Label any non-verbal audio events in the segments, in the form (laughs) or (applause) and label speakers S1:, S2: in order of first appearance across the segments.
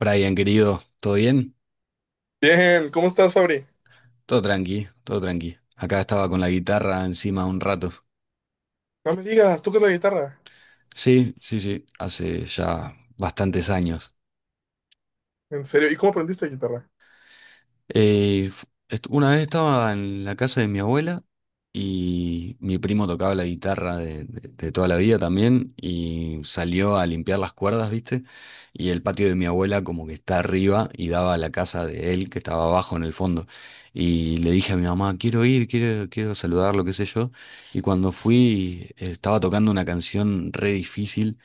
S1: Brian, querido, ¿todo bien?
S2: Bien, ¿cómo estás, Fabri?
S1: Todo tranqui, todo tranqui. Acá estaba con la guitarra encima un rato.
S2: No me digas, ¿tú tocas la guitarra?
S1: Sí, sí, sí, hace ya bastantes años.
S2: ¿En serio? ¿Y cómo aprendiste guitarra?
S1: Una vez estaba en la casa de mi abuela y mi primo tocaba la guitarra de toda la vida también y salió a limpiar las cuerdas, ¿viste? Y el patio de mi abuela como que está arriba y daba a la casa de él que estaba abajo en el fondo. Y le dije a mi mamá, quiero ir, quiero saludarlo, qué sé yo. Y cuando fui estaba tocando una canción re difícil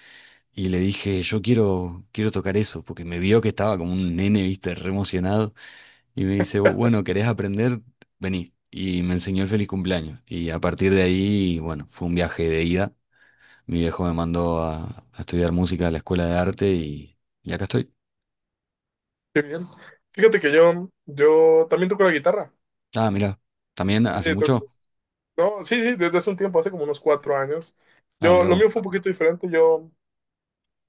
S1: y le dije, yo quiero tocar eso, porque me vio que estaba como un nene, ¿viste? Re emocionado. Y me dice, "Bueno, ¿querés aprender? Vení. Y me enseñó el feliz cumpleaños. Y a partir de ahí, bueno, fue un viaje de ida. Mi viejo me mandó a estudiar música a la escuela de arte y acá estoy.
S2: Qué bien. Fíjate que yo también toco la guitarra.
S1: Ah, mirá. ¿También hace
S2: Eh, toco-
S1: mucho?
S2: no, sí, sí, desde hace un tiempo, hace como unos 4 años.
S1: Ah,
S2: Yo,
S1: mirá
S2: lo
S1: vos.
S2: mío fue un poquito diferente. Yo,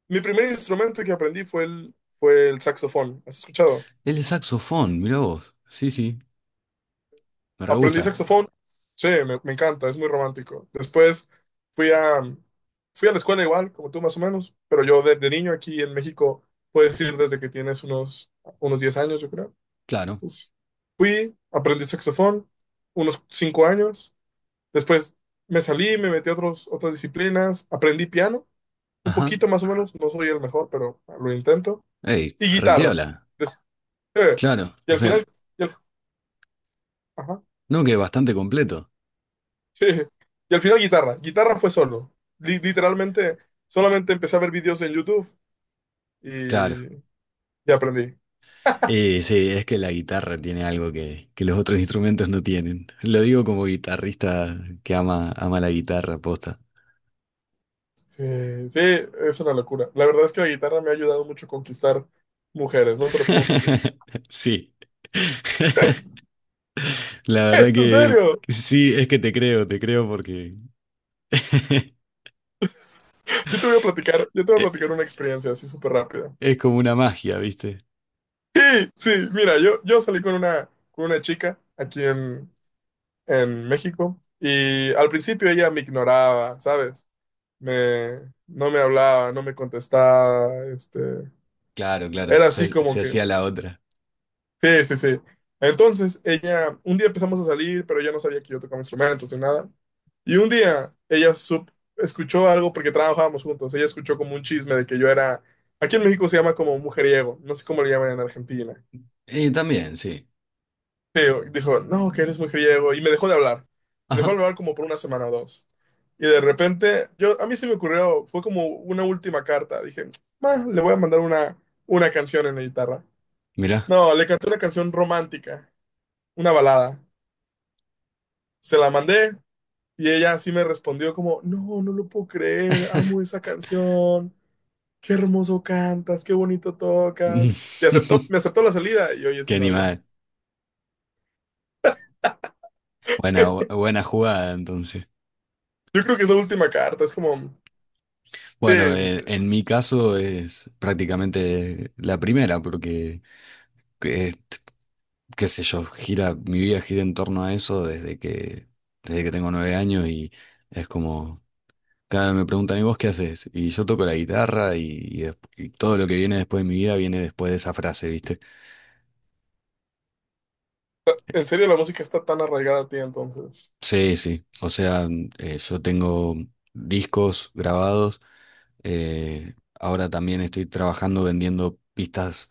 S2: mi primer instrumento que aprendí fue el saxofón. ¿Has escuchado?
S1: Es de saxofón, mirá vos. Sí, sí, me re
S2: Aprendí
S1: gusta.
S2: saxofón. Sí, me encanta, es muy romántico. Después fui a, fui a la escuela igual, como tú más o menos, pero yo desde niño aquí en México, puedes ir desde que tienes unos 10 años, yo creo.
S1: Claro.
S2: Pues, aprendí saxofón unos 5 años. Después me salí, me metí a otras disciplinas. Aprendí piano, un
S1: Ajá.
S2: poquito más o menos. No soy el mejor, pero lo intento.
S1: Ey,
S2: Y guitarra.
S1: repiola.
S2: Des- eh,
S1: Claro.
S2: y
S1: O
S2: al
S1: sea,
S2: final, y al, ajá,
S1: no que bastante completo.
S2: (laughs) sí. Y al final guitarra. Guitarra fue solo. Literalmente, solamente empecé a ver videos en YouTube
S1: Claro.
S2: y, y aprendí.
S1: Sí, es que la guitarra tiene algo que los otros instrumentos no tienen. Lo digo como guitarrista que ama, ama la guitarra, posta.
S2: Sí, sí, es una locura. La verdad es que la guitarra me ha ayudado mucho a conquistar mujeres, no te lo puedo mentir.
S1: (laughs) Sí. (laughs) La
S2: (laughs)
S1: verdad
S2: ¡Es en
S1: que
S2: serio!
S1: sí, es que te creo porque (laughs)
S2: Yo te voy a platicar,
S1: e-
S2: una experiencia así súper rápida.
S1: es como una magia, ¿viste?
S2: Sí, sí, mira, yo salí con una chica aquí en México y al principio ella me ignoraba, ¿sabes? No me hablaba, no me contestaba, este,
S1: Claro, claro,
S2: era así
S1: se,
S2: como
S1: se
S2: que,
S1: hacía la otra.
S2: sí, sí, sí. Entonces ella, un día empezamos a salir, pero ella no sabía que yo tocaba instrumentos ni nada. Y un día ella escuchó algo porque trabajábamos juntos. Ella escuchó como un chisme de que yo era, aquí en México se llama como mujeriego, no sé cómo le llaman en Argentina.
S1: Y también, sí.
S2: Pero dijo, no, que eres mujeriego. Y me dejó de hablar. Me dejó de
S1: Ajá,
S2: hablar como por una semana o dos. Y de repente, a mí se me ocurrió, fue como una última carta. Dije, "Ah, le voy a mandar una canción en la guitarra."
S1: mirá.
S2: No, le canté una canción romántica, una balada. Se la mandé y ella así me respondió como, no, no lo puedo creer, amo
S1: (laughs)
S2: esa canción. Qué hermoso cantas, qué bonito tocas. Y me aceptó la salida y hoy es
S1: Qué
S2: mi novia.
S1: animal.
S2: (laughs)
S1: Buena,
S2: Sí.
S1: buena jugada, entonces.
S2: Yo creo que es la última carta, es como,
S1: Bueno,
S2: sí, sí, sí.
S1: en mi caso es prácticamente la primera, porque, que- qué sé yo, gira, mi vida gira en torno a eso desde que tengo 9 años y es como, cada vez me preguntan, ¿y vos qué haces? Y yo toco la guitarra y todo lo que viene después de mi vida viene después de esa frase, ¿viste?
S2: En serio, la música está tan arraigada a ti entonces.
S1: Sí, sí, o sea, yo tengo discos grabados. Eh, ahora también estoy trabajando vendiendo pistas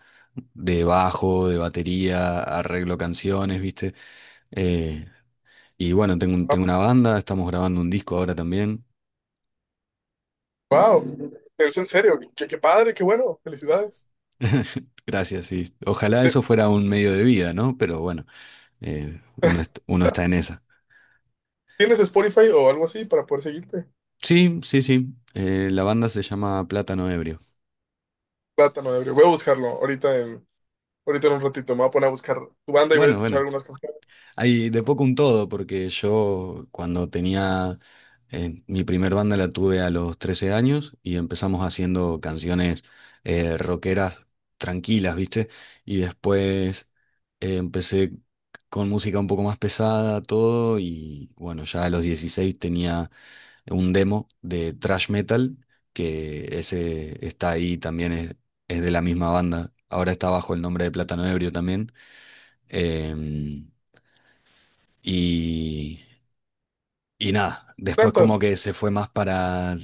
S1: de bajo, de batería, arreglo canciones, ¿viste? Eh, y bueno, tengo
S2: Wow,
S1: una banda, estamos grabando un disco ahora también.
S2: wow. Es en serio, qué padre, qué bueno, felicidades.
S1: (laughs) Gracias, sí. Ojalá
S2: Eh,
S1: eso fuera un medio de vida, ¿no? Pero bueno, uno está en esa.
S2: ¿Tienes Spotify o algo así para poder seguirte?
S1: Sí, sí, sí. La banda se llama Plátano Ebrio.
S2: Plátano ebrio, voy a buscarlo ahorita en un ratito, me voy a poner a buscar tu banda y voy a
S1: Bueno,
S2: escuchar
S1: bueno.
S2: algunas canciones.
S1: Hay de poco un todo, porque yo cuando tenía mi primer banda la tuve a los 13 años y empezamos haciendo canciones rockeras tranquilas, ¿viste? Y después empecé con música un poco más pesada, todo, y bueno, ya a los 16 tenía un demo de thrash metal, que ese está ahí también, es de la misma banda. Ahora está bajo el nombre de Plátano Ebrio también. Em, y, y nada, después como
S2: ¿Tantas?
S1: que se fue más para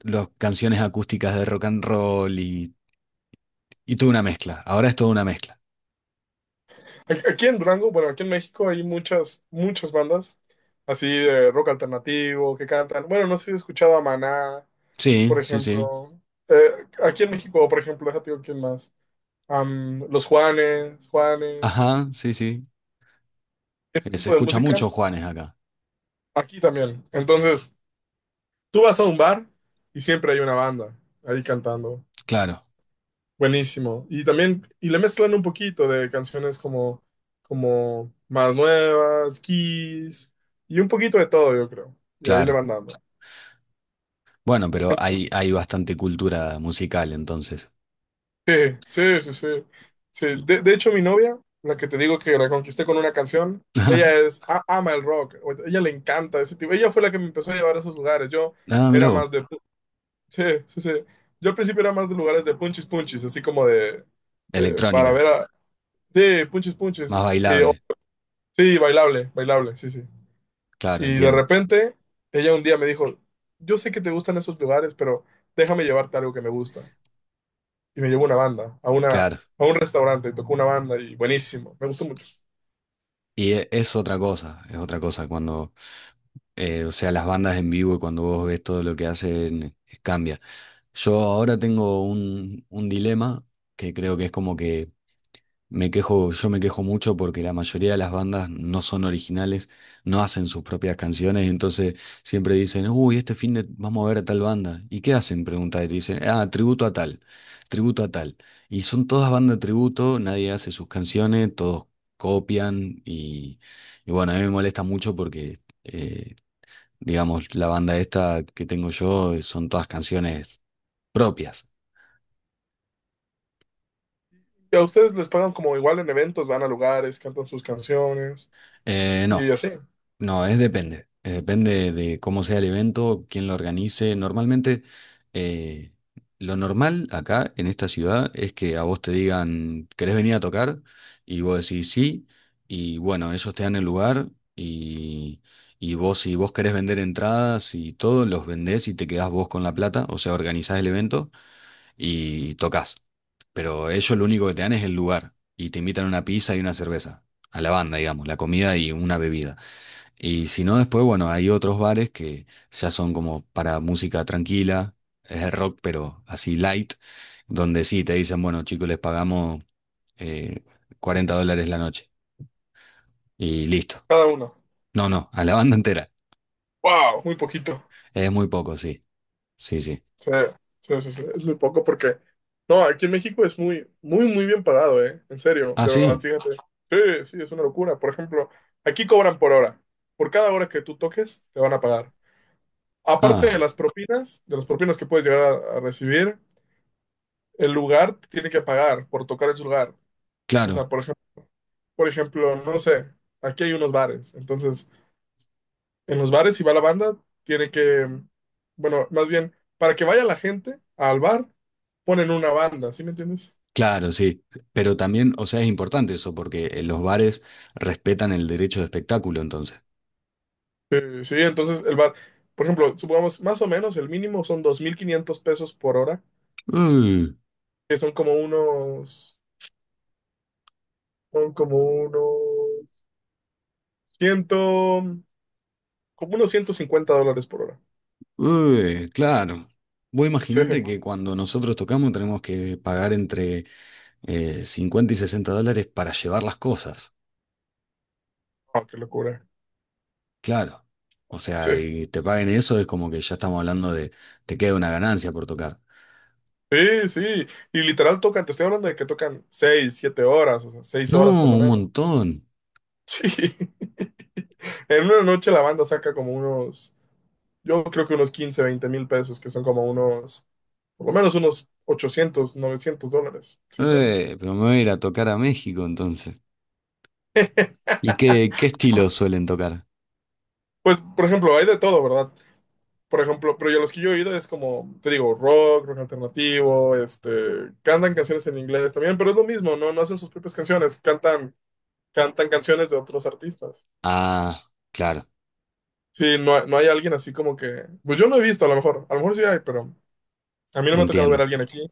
S1: las canciones acústicas de rock and roll y tuve una mezcla. Ahora es toda una mezcla.
S2: Aquí en Durango, bueno, aquí en México hay muchas, muchas bandas así de rock alternativo que cantan. Bueno, no sé si has escuchado a Maná,
S1: Sí,
S2: por
S1: sí, sí.
S2: ejemplo. Aquí en México, por ejemplo, déjate digo quién más. Juanes,
S1: Ajá, sí, sí.
S2: este
S1: Se
S2: tipo de
S1: escucha
S2: música,
S1: mucho Juanes acá.
S2: aquí también. Entonces, tú vas a un bar y siempre hay una banda ahí cantando.
S1: Claro,
S2: Buenísimo. Y también, y le mezclan un poquito de canciones como más nuevas, Kiss, y un poquito de todo, yo creo. Y ahí le
S1: claro.
S2: van dando.
S1: Bueno, pero hay,
S2: (laughs)
S1: hay bastante cultura musical entonces.
S2: Sí, sí, sí, sí. Sí,
S1: Y-
S2: de hecho, mi novia, la que te digo que la conquisté con una canción,
S1: (laughs) Ajá.
S2: ama el rock, ella le encanta ese tipo. Ella fue la que me empezó a llevar a esos lugares. Yo
S1: Ah, mirá
S2: era más
S1: vos.
S2: de. Sí, sí, sí. Yo al principio era más de lugares de punchis punchis, así como de. Para
S1: Electrónica,
S2: ver a. Sí, punchis punchis.
S1: más bailable.
S2: Sí, bailable, bailable, sí, sí.
S1: Claro,
S2: Y de
S1: entiendo.
S2: repente, ella un día me dijo, yo sé que te gustan esos lugares, pero déjame llevarte algo que me gusta. Y me llevó una banda, a
S1: Claro.
S2: un restaurante, y tocó una banda y buenísimo, me gustó mucho.
S1: Y es otra cosa, es otra cosa cuando o sea, las bandas en vivo, cuando vos ves todo lo que hacen, cambia. Yo ahora tengo un dilema que creo que es como que me quejo, yo me quejo mucho porque la mayoría de las bandas no son originales, no hacen sus propias canciones, entonces siempre dicen, uy, este fin de vamos a ver a tal banda. ¿Y qué hacen? Pregunta y te dicen, ah, tributo a tal, tributo a tal. Y son todas bandas tributo, nadie hace sus canciones, todos copian y bueno, a mí me molesta mucho porque, digamos, la banda esta que tengo yo, son todas canciones propias.
S2: Y a ustedes les pagan como igual en eventos, van a lugares, cantan sus canciones
S1: No,
S2: y así,
S1: no, es depende. Depende de cómo sea el evento, quién lo organice. Normalmente, eh, lo normal acá en esta ciudad es que a vos te digan, ¿querés venir a tocar? Y vos decís sí, y bueno, ellos te dan el lugar y, y vos si vos querés vender entradas y todo, los vendés y te quedás vos con la plata, o sea, organizás el evento. Y tocas. Pero ellos lo único que te dan es el lugar y te invitan una pizza y una cerveza, a la banda, digamos, la comida y una bebida. Y si no, después, bueno, hay otros bares que ya son como para música tranquila, es rock, pero así light, donde sí te dicen, bueno, chicos, les pagamos eh, $40 la noche y listo.
S2: cada una.
S1: No, no, a la banda (laughs) entera.
S2: ¡Wow! Muy poquito.
S1: Es muy poco, sí. Sí, sí.
S2: Sí, sí, sí, sí, es muy poco porque, no, aquí en México es muy, muy, muy bien pagado, ¿eh? En serio,
S1: Ah,
S2: de verdad,
S1: sí.
S2: fíjate. Sí, sí, es una locura. Por ejemplo, aquí cobran por hora. Por cada hora que tú toques, te van a pagar. Aparte de
S1: Ah,
S2: las propinas, de las propinas que puedes llegar a recibir, el lugar te tiene que pagar por tocar en su lugar. O
S1: claro.
S2: sea, por ejemplo, no sé, aquí hay unos bares, entonces en los bares, si va la banda, tiene que, bueno, más bien, para que vaya la gente al bar, ponen una banda, ¿sí me entiendes?
S1: Claro, sí, pero también, o sea, es importante eso porque los bares respetan el derecho de espectáculo, entonces.
S2: Sí, entonces el bar, por ejemplo, supongamos, más o menos el mínimo son 2,500 pesos por hora,
S1: Uy,
S2: que son como unos como unos 150 dólares por hora.
S1: uy, claro. Vos
S2: Sí,
S1: imaginate que cuando nosotros tocamos tenemos que pagar entre 50 y $60 para llevar las cosas,
S2: ah, qué locura.
S1: claro. O
S2: Sí,
S1: sea, y te paguen eso es como que ya estamos hablando de te queda una ganancia por tocar.
S2: sí, sí. Y literal tocan, te estoy hablando de que tocan 6-7 horas, o sea, 6
S1: No,
S2: horas por lo
S1: un
S2: menos.
S1: montón.
S2: Sí. (laughs) En una noche la banda saca yo creo que unos 15-20 mil pesos, que por lo menos unos 800-900 dólares, sin tema.
S1: Pero me voy a ir a tocar a México entonces. ¿Y qué estilo suelen tocar?
S2: Pues, por ejemplo, hay de todo, ¿verdad? Por ejemplo, pero yo los que yo he oído es como, te digo, rock alternativo, este, cantan canciones en inglés también, pero es lo mismo, no, no hacen sus propias canciones, cantan canciones de otros artistas.
S1: Ah, claro.
S2: Sí, no, no hay alguien así como que, pues yo no he visto, a lo mejor sí hay, pero a mí no me ha tocado ver
S1: Entiendo.
S2: a alguien aquí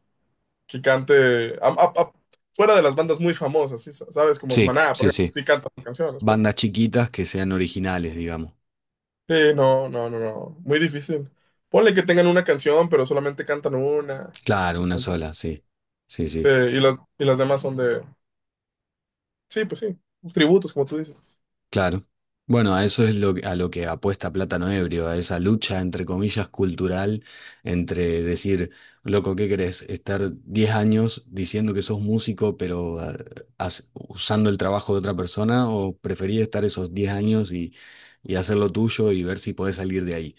S2: que cante a- a- a- fuera de las bandas muy famosas, ¿sí? ¿Sabes? Como
S1: Sí,
S2: Maná, por
S1: sí,
S2: ejemplo,
S1: sí.
S2: sí cantan canciones.
S1: Bandas chiquitas que sean originales, digamos.
S2: Sí, no, no, no, no, muy difícil. Ponle que tengan una canción, pero solamente cantan una,
S1: Claro,
S2: o
S1: una
S2: cantan-
S1: sola, sí. Sí,
S2: sí,
S1: sí.
S2: y las demás son de, sí, pues sí, tributos, como tú dices.
S1: Claro. Bueno, a eso es a lo que apuesta Plátano Ebrio, a esa lucha, entre comillas, cultural, entre decir, loco, ¿qué querés? Estar 10 años diciendo que sos músico, pero usando el trabajo de otra persona, o preferís estar esos 10 años y hacer lo tuyo y ver si podés salir de ahí.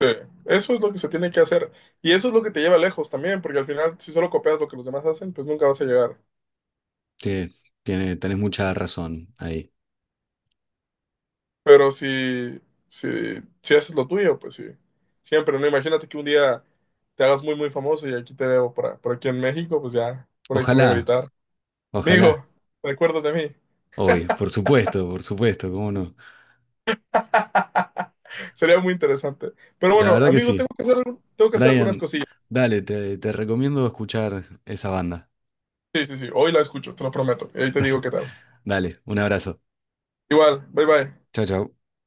S2: Sí, eso es lo que se tiene que hacer, y eso es lo que te lleva lejos también, porque al final, si solo copias lo que los demás hacen, pues nunca vas a llegar.
S1: Te- tenés mucha razón ahí.
S2: Pero si, si haces lo tuyo, pues sí. Siempre, ¿no? Imagínate que un día te hagas muy, muy famoso y aquí te debo por aquí en México, pues ya, por ahí te voy a
S1: Ojalá,
S2: gritar.
S1: ojalá.
S2: Amigo, ¿te acuerdas de mí?
S1: Obvio, por supuesto, cómo no.
S2: (laughs) Sería muy interesante. Pero
S1: La
S2: bueno,
S1: verdad que
S2: amigo, tengo
S1: sí.
S2: que hacer, algunas
S1: Brian,
S2: cosillas.
S1: dale, te recomiendo escuchar esa banda.
S2: Sí, sí, sí. Hoy la escucho, te lo prometo. Y ahí te digo qué tal.
S1: Dale, un abrazo.
S2: Igual, bye bye.
S1: Chau, chau.